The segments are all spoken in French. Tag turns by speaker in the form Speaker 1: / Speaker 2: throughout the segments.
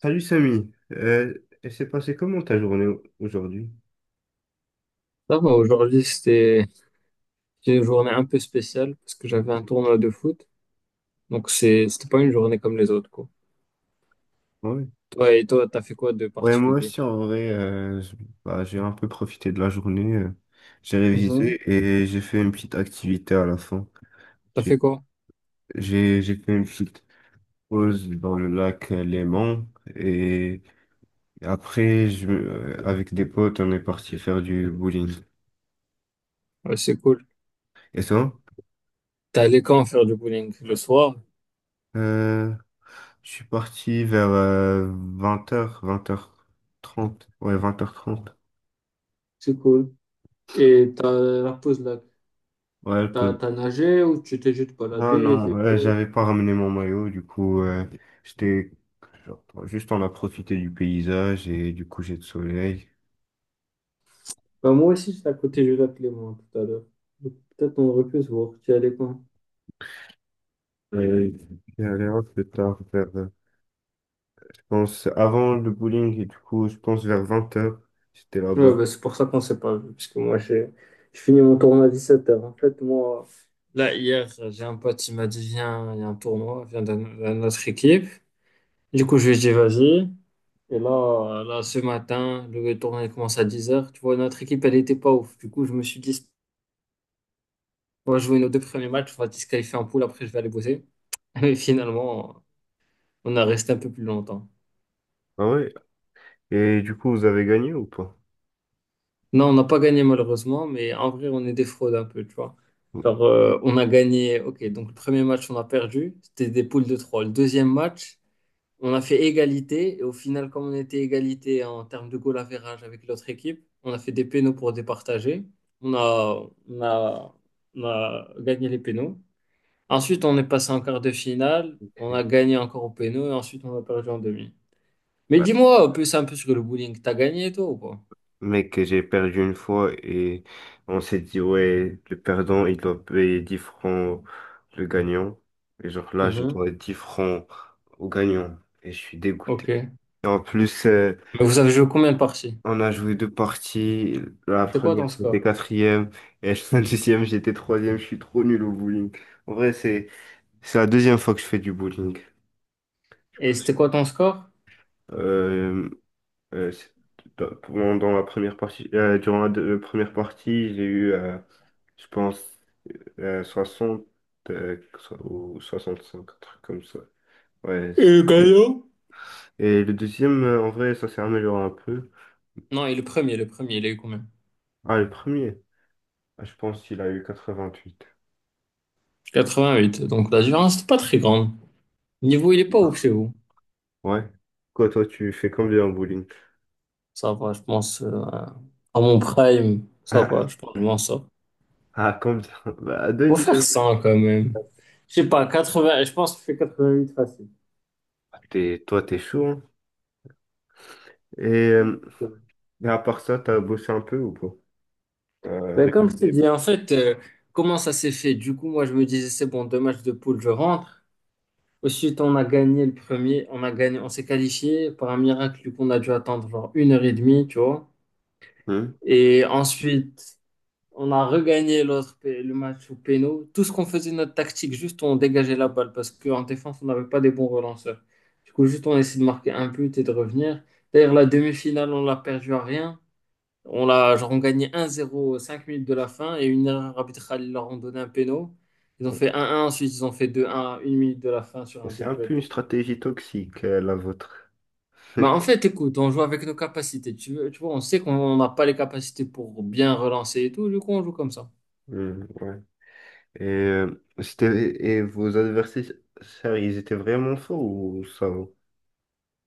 Speaker 1: Salut Samy, elle s'est passée comment ta journée aujourd'hui?
Speaker 2: Ça va, aujourd'hui, c'était une journée un peu spéciale parce que j'avais un tournoi de foot. Donc, c'était pas une journée comme les autres, quoi.
Speaker 1: Ouais.
Speaker 2: T'as fait quoi de
Speaker 1: Ouais, moi
Speaker 2: particulier?
Speaker 1: aussi en vrai, bah, j'ai un peu profité de la journée, j'ai
Speaker 2: Mhm.
Speaker 1: révisé et j'ai fait une petite activité à la fin.
Speaker 2: T'as fait
Speaker 1: J'ai
Speaker 2: quoi?
Speaker 1: j'ai fait une petite pause dans le lac Léman et après, avec des potes, on est parti faire du bowling.
Speaker 2: Ouais, c'est cool.
Speaker 1: Et ça?
Speaker 2: T'es allé quand faire du bowling? Le soir?
Speaker 1: Euh, je suis parti vers vingt heures, vingt heures trente. Ouais, vingt heures trente.
Speaker 2: C'est cool. Et t'as la pause là,
Speaker 1: Ouais.
Speaker 2: t'as nagé ou tu t'es juste
Speaker 1: Non,
Speaker 2: baladé?
Speaker 1: non,
Speaker 2: Vélo.
Speaker 1: j'avais pas ramené mon maillot, du coup, j'étais juste on a profité du paysage et du coucher de soleil.
Speaker 2: Bah, moi aussi, j'étais à côté du lac Léman tout à l'heure. Donc, peut-être on aurait pu se voir. Tu y allais quand?
Speaker 1: Euh, J'étais allé un peu tard, vers, je pense, avant le bowling, et du coup, je pense vers vingt heures j'étais là-bas.
Speaker 2: Ouais, bah, c'est pour ça qu'on s'est pas vu, parce que moi, j'ai je finis mon tournoi à 17 heures. En fait, moi, là, hier, j'ai un pote, il m'a dit, viens, il y a un tournoi, viens dans notre équipe. Du coup, je lui ai dit, vas-y. Et là, là, ce matin, le tournoi il commence à 10 heures. Tu vois, notre équipe, elle était pas ouf. Du coup, je me suis dit, on va jouer nos deux premiers matchs, on va se disqualifier en poule, après, je vais aller bosser. Et finalement, on a resté un peu plus longtemps.
Speaker 1: Ah ouais? Et du coup, vous avez gagné ou pas?
Speaker 2: Non, on n'a pas gagné malheureusement, mais en vrai, on est des fraudes un peu, tu vois.
Speaker 1: Ok.
Speaker 2: Genre, on a gagné, ok, donc le premier match, on a perdu, c'était des poules de trois. Le deuxième match, on a fait égalité, et au final, comme on était égalité en termes de goal average avec l'autre équipe, on a fait des pénaux pour départager. On a, on a, on a gagné les pénaux. Ensuite, on est passé en quart de finale, on a gagné encore au pénaux, et ensuite, on a perdu en demi. Mais dis-moi, plus un peu sur le bowling, t'as gagné toi ou pas?
Speaker 1: Mais que j'ai perdu une fois et on s'est dit, ouais, le perdant, il doit payer 10 francs le gagnant. Et genre là, je
Speaker 2: Mhm.
Speaker 1: dois 10 francs au gagnant et je suis dégoûté.
Speaker 2: Ok.
Speaker 1: Et en plus,
Speaker 2: Mais vous avez joué combien de parties?
Speaker 1: on a joué deux parties. La
Speaker 2: C'était quoi
Speaker 1: première,
Speaker 2: ton
Speaker 1: j'étais
Speaker 2: score?
Speaker 1: quatrième et la deuxième, j'étais troisième. Je suis trop nul au bowling. En vrai, c'est la deuxième fois que je fais du bowling.
Speaker 2: Et c'était quoi ton score?
Speaker 1: Euh, Euh, c'est- Dans la première partie, première partie, j'ai eu, je pense, 60 ou 65, un truc comme ça. Ouais. c'est-
Speaker 2: Et gagnant?
Speaker 1: Et le deuxième, en vrai, ça s'est amélioré un peu.
Speaker 2: Non, et le premier, il a eu combien?
Speaker 1: Ah, le premier, ah, je pense qu'il a eu 88.
Speaker 2: Huit. Donc la différence, c'est pas très grande. Le niveau, il est pas ouf chez vous.
Speaker 1: Ouais. Quoi, toi, tu fais combien en bowling?
Speaker 2: Ça va, je pense. À mon prime, ça va, je pense que je m'en sors.
Speaker 1: Ah, ah, combien? Bah,
Speaker 2: Faut
Speaker 1: deux.
Speaker 2: faire 100 quand même. Je sais pas, 80, je pense que je fais huit facile.
Speaker 1: T'es, toi, t'es chaud, hein. Et, euh, mais à part ça, t'as bossé un peu ou pas? T'as
Speaker 2: Ben, comme je t'ai
Speaker 1: révisé?
Speaker 2: dit, en fait, comment ça s'est fait? Du coup, moi, je me disais, c'est bon, deux matchs de poule, je rentre. Ensuite, on a gagné le premier, on a gagné, on s'est qualifié par un miracle qu'on a dû attendre genre une heure et demie, tu vois.
Speaker 1: Hmm.
Speaker 2: Et ensuite, on a regagné l'autre, le match au péno. Tout ce qu'on faisait, notre tactique, juste on dégageait la balle parce qu'en défense, on n'avait pas des bons relanceurs. Du coup, juste on essayait de marquer un but et de revenir. D'ailleurs, la demi-finale, on l'a perdue à rien. On l'a, genre, on gagnait 1-0 aux 5 minutes de la fin et une erreur arbitrale, ils leur ont donné un péno. Ils ont fait 1-1, ensuite ils ont fait 2-1 à 1 minute de la fin sur
Speaker 1: Bon,
Speaker 2: un
Speaker 1: c'est
Speaker 2: but
Speaker 1: un peu
Speaker 2: bête.
Speaker 1: une stratégie toxique, la vôtre.
Speaker 2: Bah en fait, écoute, on joue avec nos capacités. Tu veux, tu vois, on sait qu'on n'a pas les capacités pour bien relancer et tout, du coup, on joue comme ça.
Speaker 1: Hmm, ouais. Et vos adversaires, ils étaient vraiment forts ou ça va?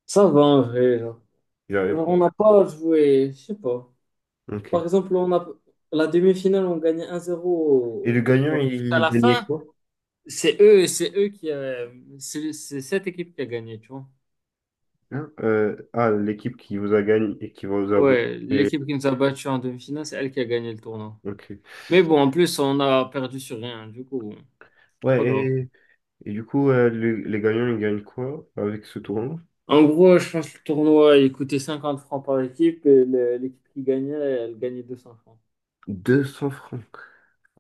Speaker 2: Ça va en vrai, genre.
Speaker 1: Ils avaient
Speaker 2: Genre,
Speaker 1: pas.
Speaker 2: on n'a pas joué, je sais pas.
Speaker 1: Ok.
Speaker 2: Par
Speaker 1: Et
Speaker 2: exemple, on a la demi-finale, on gagnait
Speaker 1: le
Speaker 2: 1-0.
Speaker 1: gagnant,
Speaker 2: Genre, à
Speaker 1: il
Speaker 2: la
Speaker 1: gagnait
Speaker 2: fin,
Speaker 1: quoi?
Speaker 2: c'est eux qui c'est cette équipe qui a gagné, tu vois.
Speaker 1: Hein. L'équipe qui vous a gagné et qui vous a battu.
Speaker 2: Ouais, l'équipe qui nous a battus en demi-finale, c'est elle qui a gagné le tournoi.
Speaker 1: Ok.
Speaker 2: Mais bon, en plus, on a perdu sur rien, du coup, bon, c'est pas
Speaker 1: Ouais,
Speaker 2: grave.
Speaker 1: et et, du coup, les gagnants, ils gagnent quoi avec ce tournoi?
Speaker 2: En gros, je pense que le tournoi, il coûtait 50 francs par équipe et l'équipe qui gagnait, elle gagnait 200 francs.
Speaker 1: 200 francs.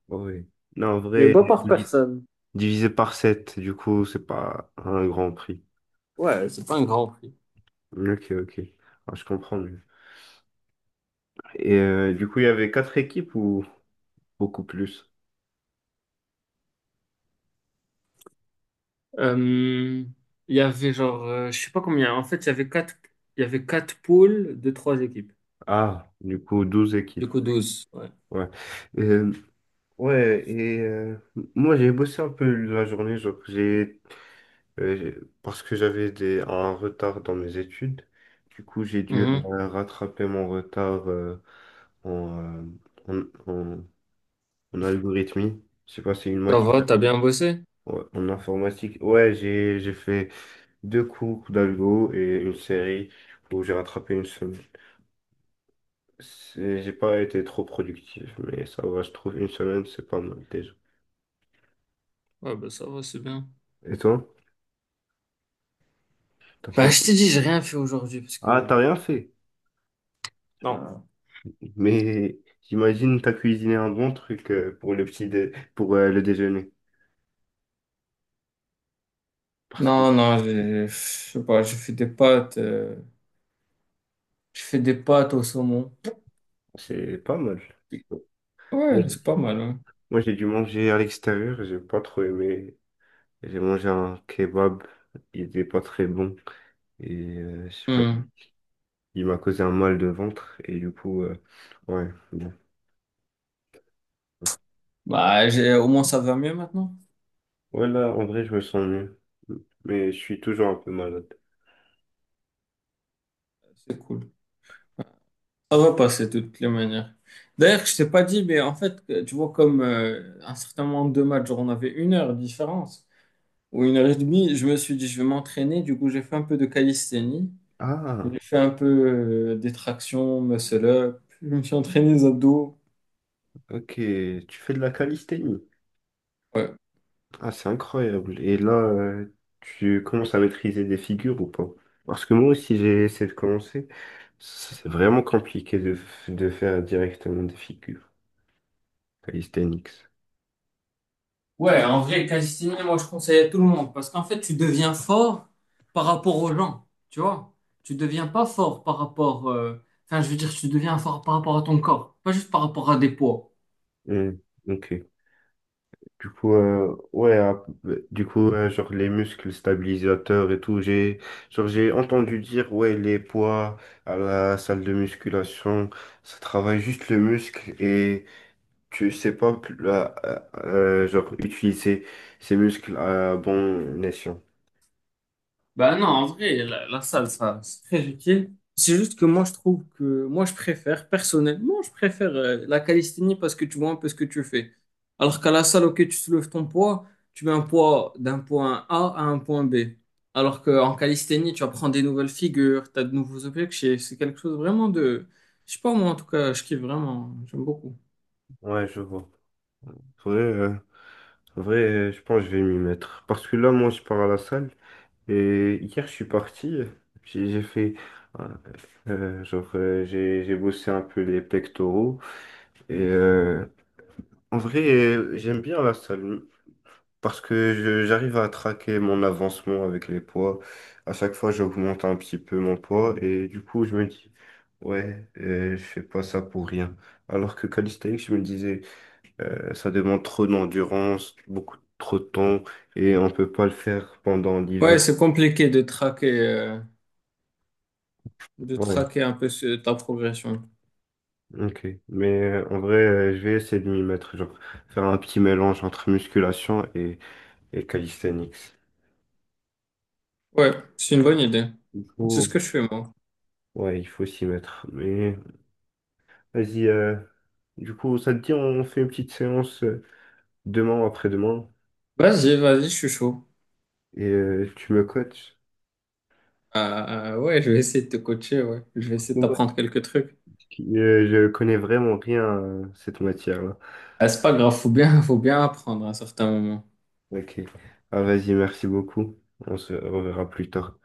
Speaker 1: Oui. Non, en
Speaker 2: Mais
Speaker 1: vrai,
Speaker 2: pas par
Speaker 1: divi-
Speaker 2: personne.
Speaker 1: divisé par 7 du coup, c'est pas un grand prix.
Speaker 2: Ouais, c'est pas un grand prix.
Speaker 1: Ok, ok. Ah, je comprends mieux. Et du coup, il y avait quatre équipes ou beaucoup plus?
Speaker 2: Euh, il y avait genre, je sais pas combien. En fait, il y avait quatre poules de trois équipes.
Speaker 1: Ah, du coup, 12
Speaker 2: Du
Speaker 1: équipes.
Speaker 2: coup, 12. Ouais.
Speaker 1: Ouais. Euh, ouais, moi, j'ai bossé un peu la journée. Genre, euh, j'ai- parce que j'avais un retard dans mes études. Du coup, j'ai dû
Speaker 2: Mhm.
Speaker 1: rattraper mon retard en, euh, en, en, en algorithmie. Je sais pas, c'est une
Speaker 2: Ça
Speaker 1: matière,
Speaker 2: va, t'as bien bossé?
Speaker 1: ouais, en informatique. Ouais, j'ai fait deux cours d'algo et une série où j'ai rattrapé une semaine. J'ai pas été trop productif, mais ça va, je trouve une semaine, c'est pas mal déjà.
Speaker 2: Ouais, bah ça va, c'est bien.
Speaker 1: Et toi? T'as pas-
Speaker 2: Bah, je t'ai dit, j'ai rien fait aujourd'hui parce
Speaker 1: Ah,
Speaker 2: que...
Speaker 1: t'as rien
Speaker 2: Ah.
Speaker 1: fait.
Speaker 2: Non.
Speaker 1: Mais j'imagine t'as cuisiné un bon truc pour le déjeuner. Parce que
Speaker 2: Non, non, je sais pas, je fais des pâtes au saumon.
Speaker 1: c'est pas mal. Moi,
Speaker 2: Ouais,
Speaker 1: j'ai
Speaker 2: c'est pas mal.
Speaker 1: Moi, j'ai dû manger à l'extérieur, j'ai pas trop aimé. J'ai mangé un kebab, il était pas très bon. Et je sais pas,
Speaker 2: Hmm.
Speaker 1: il m'a causé un mal de ventre. Et du coup, ouais. Bon.
Speaker 2: Bah, au moins ça va mieux maintenant.
Speaker 1: Ouais, là, en vrai, je me sens mieux. Mais je suis toujours un peu malade.
Speaker 2: C'est cool. Ça va passer de toutes les manières. D'ailleurs, je t'ai pas dit, mais en fait, tu vois, comme un certain nombre de matchs, genre on avait une heure de différence ou une heure et demie, je me suis dit, je vais m'entraîner. Du coup, j'ai fait un peu de calisthénie.
Speaker 1: Ah,
Speaker 2: J'ai fait un peu des tractions, muscle up. Je me suis entraîné les abdos.
Speaker 1: ok. Tu fais de la calisthénie.
Speaker 2: Ouais.
Speaker 1: Ah, c'est incroyable. Et là, tu commences à maîtriser des figures ou pas? Parce que moi aussi, j'ai essayé de commencer. C'est vraiment compliqué de, de faire directement des figures. Calisthenics.
Speaker 2: Ouais, en vrai, calisthénie, moi, je conseille à tout le monde parce qu'en fait, tu deviens fort par rapport aux gens, tu vois. Tu deviens pas fort par rapport, enfin, je veux dire, tu deviens fort par rapport à ton corps, pas juste par rapport à des poids.
Speaker 1: Hmm, ok. Du coup, ouais, du coup, genre les muscles stabilisateurs et tout, genre j'ai entendu dire, ouais, les poids à la salle de musculation, ça travaille juste le muscle et tu sais pas, plus genre utiliser ces muscles à bon escient.
Speaker 2: Bah non, en vrai, la salle, ça, c'est très utile. C'est juste que moi, je trouve que moi, je préfère, personnellement, je préfère la calisthénie parce que tu vois un peu ce que tu fais. Alors qu'à la salle, ok, tu soulèves ton poids, tu mets un poids d'un point A à un point B. Alors qu'en calisthénie, tu apprends des nouvelles figures, tu as de nouveaux objets, c'est quelque chose vraiment de... Je sais pas, moi, en tout cas, je kiffe vraiment, j'aime beaucoup.
Speaker 1: Ouais, je vois. Vrai, euh, Vrai, je pense que je vais m'y mettre. Parce que là, moi, je pars à la salle. Et hier, je suis parti, j'ai fait, euh, j'ai bossé un peu les pectoraux. Et euh, En vrai, j'aime bien la salle parce que j'arrive à traquer mon avancement avec les poids. À chaque fois, j'augmente un petit peu mon poids et du coup, je me dis, ouais, je fais pas ça pour rien. Alors que calisthenics, je me disais, ça demande trop d'endurance, beaucoup trop de temps et on peut pas le faire pendant l'hiver.
Speaker 2: Ouais, c'est compliqué de traquer, euh, de
Speaker 1: Ouais.
Speaker 2: traquer un peu ta progression.
Speaker 1: Ok, mais en vrai, je vais essayer de m'y mettre, genre faire un petit mélange entre musculation et calisthenics.
Speaker 2: Ouais, c'est une bonne idée.
Speaker 1: Il
Speaker 2: C'est ce
Speaker 1: faut,
Speaker 2: que je fais, moi.
Speaker 1: ouais, il faut s'y mettre. Mais vas-y, du coup, ça te dit, on fait une petite séance demain ou après-demain
Speaker 2: Vas-y, vas-y, je suis chaud.
Speaker 1: et tu me coaches.
Speaker 2: Euh, ouais, je vais essayer de te coacher, ouais. Je vais essayer de
Speaker 1: Ouais,
Speaker 2: t'apprendre quelques trucs.
Speaker 1: je connais vraiment rien à cette matière-là.
Speaker 2: Ah, c'est pas grave, faut bien apprendre à un certain moment.
Speaker 1: Ok, ah, vas-y, merci beaucoup. On se reverra plus tard.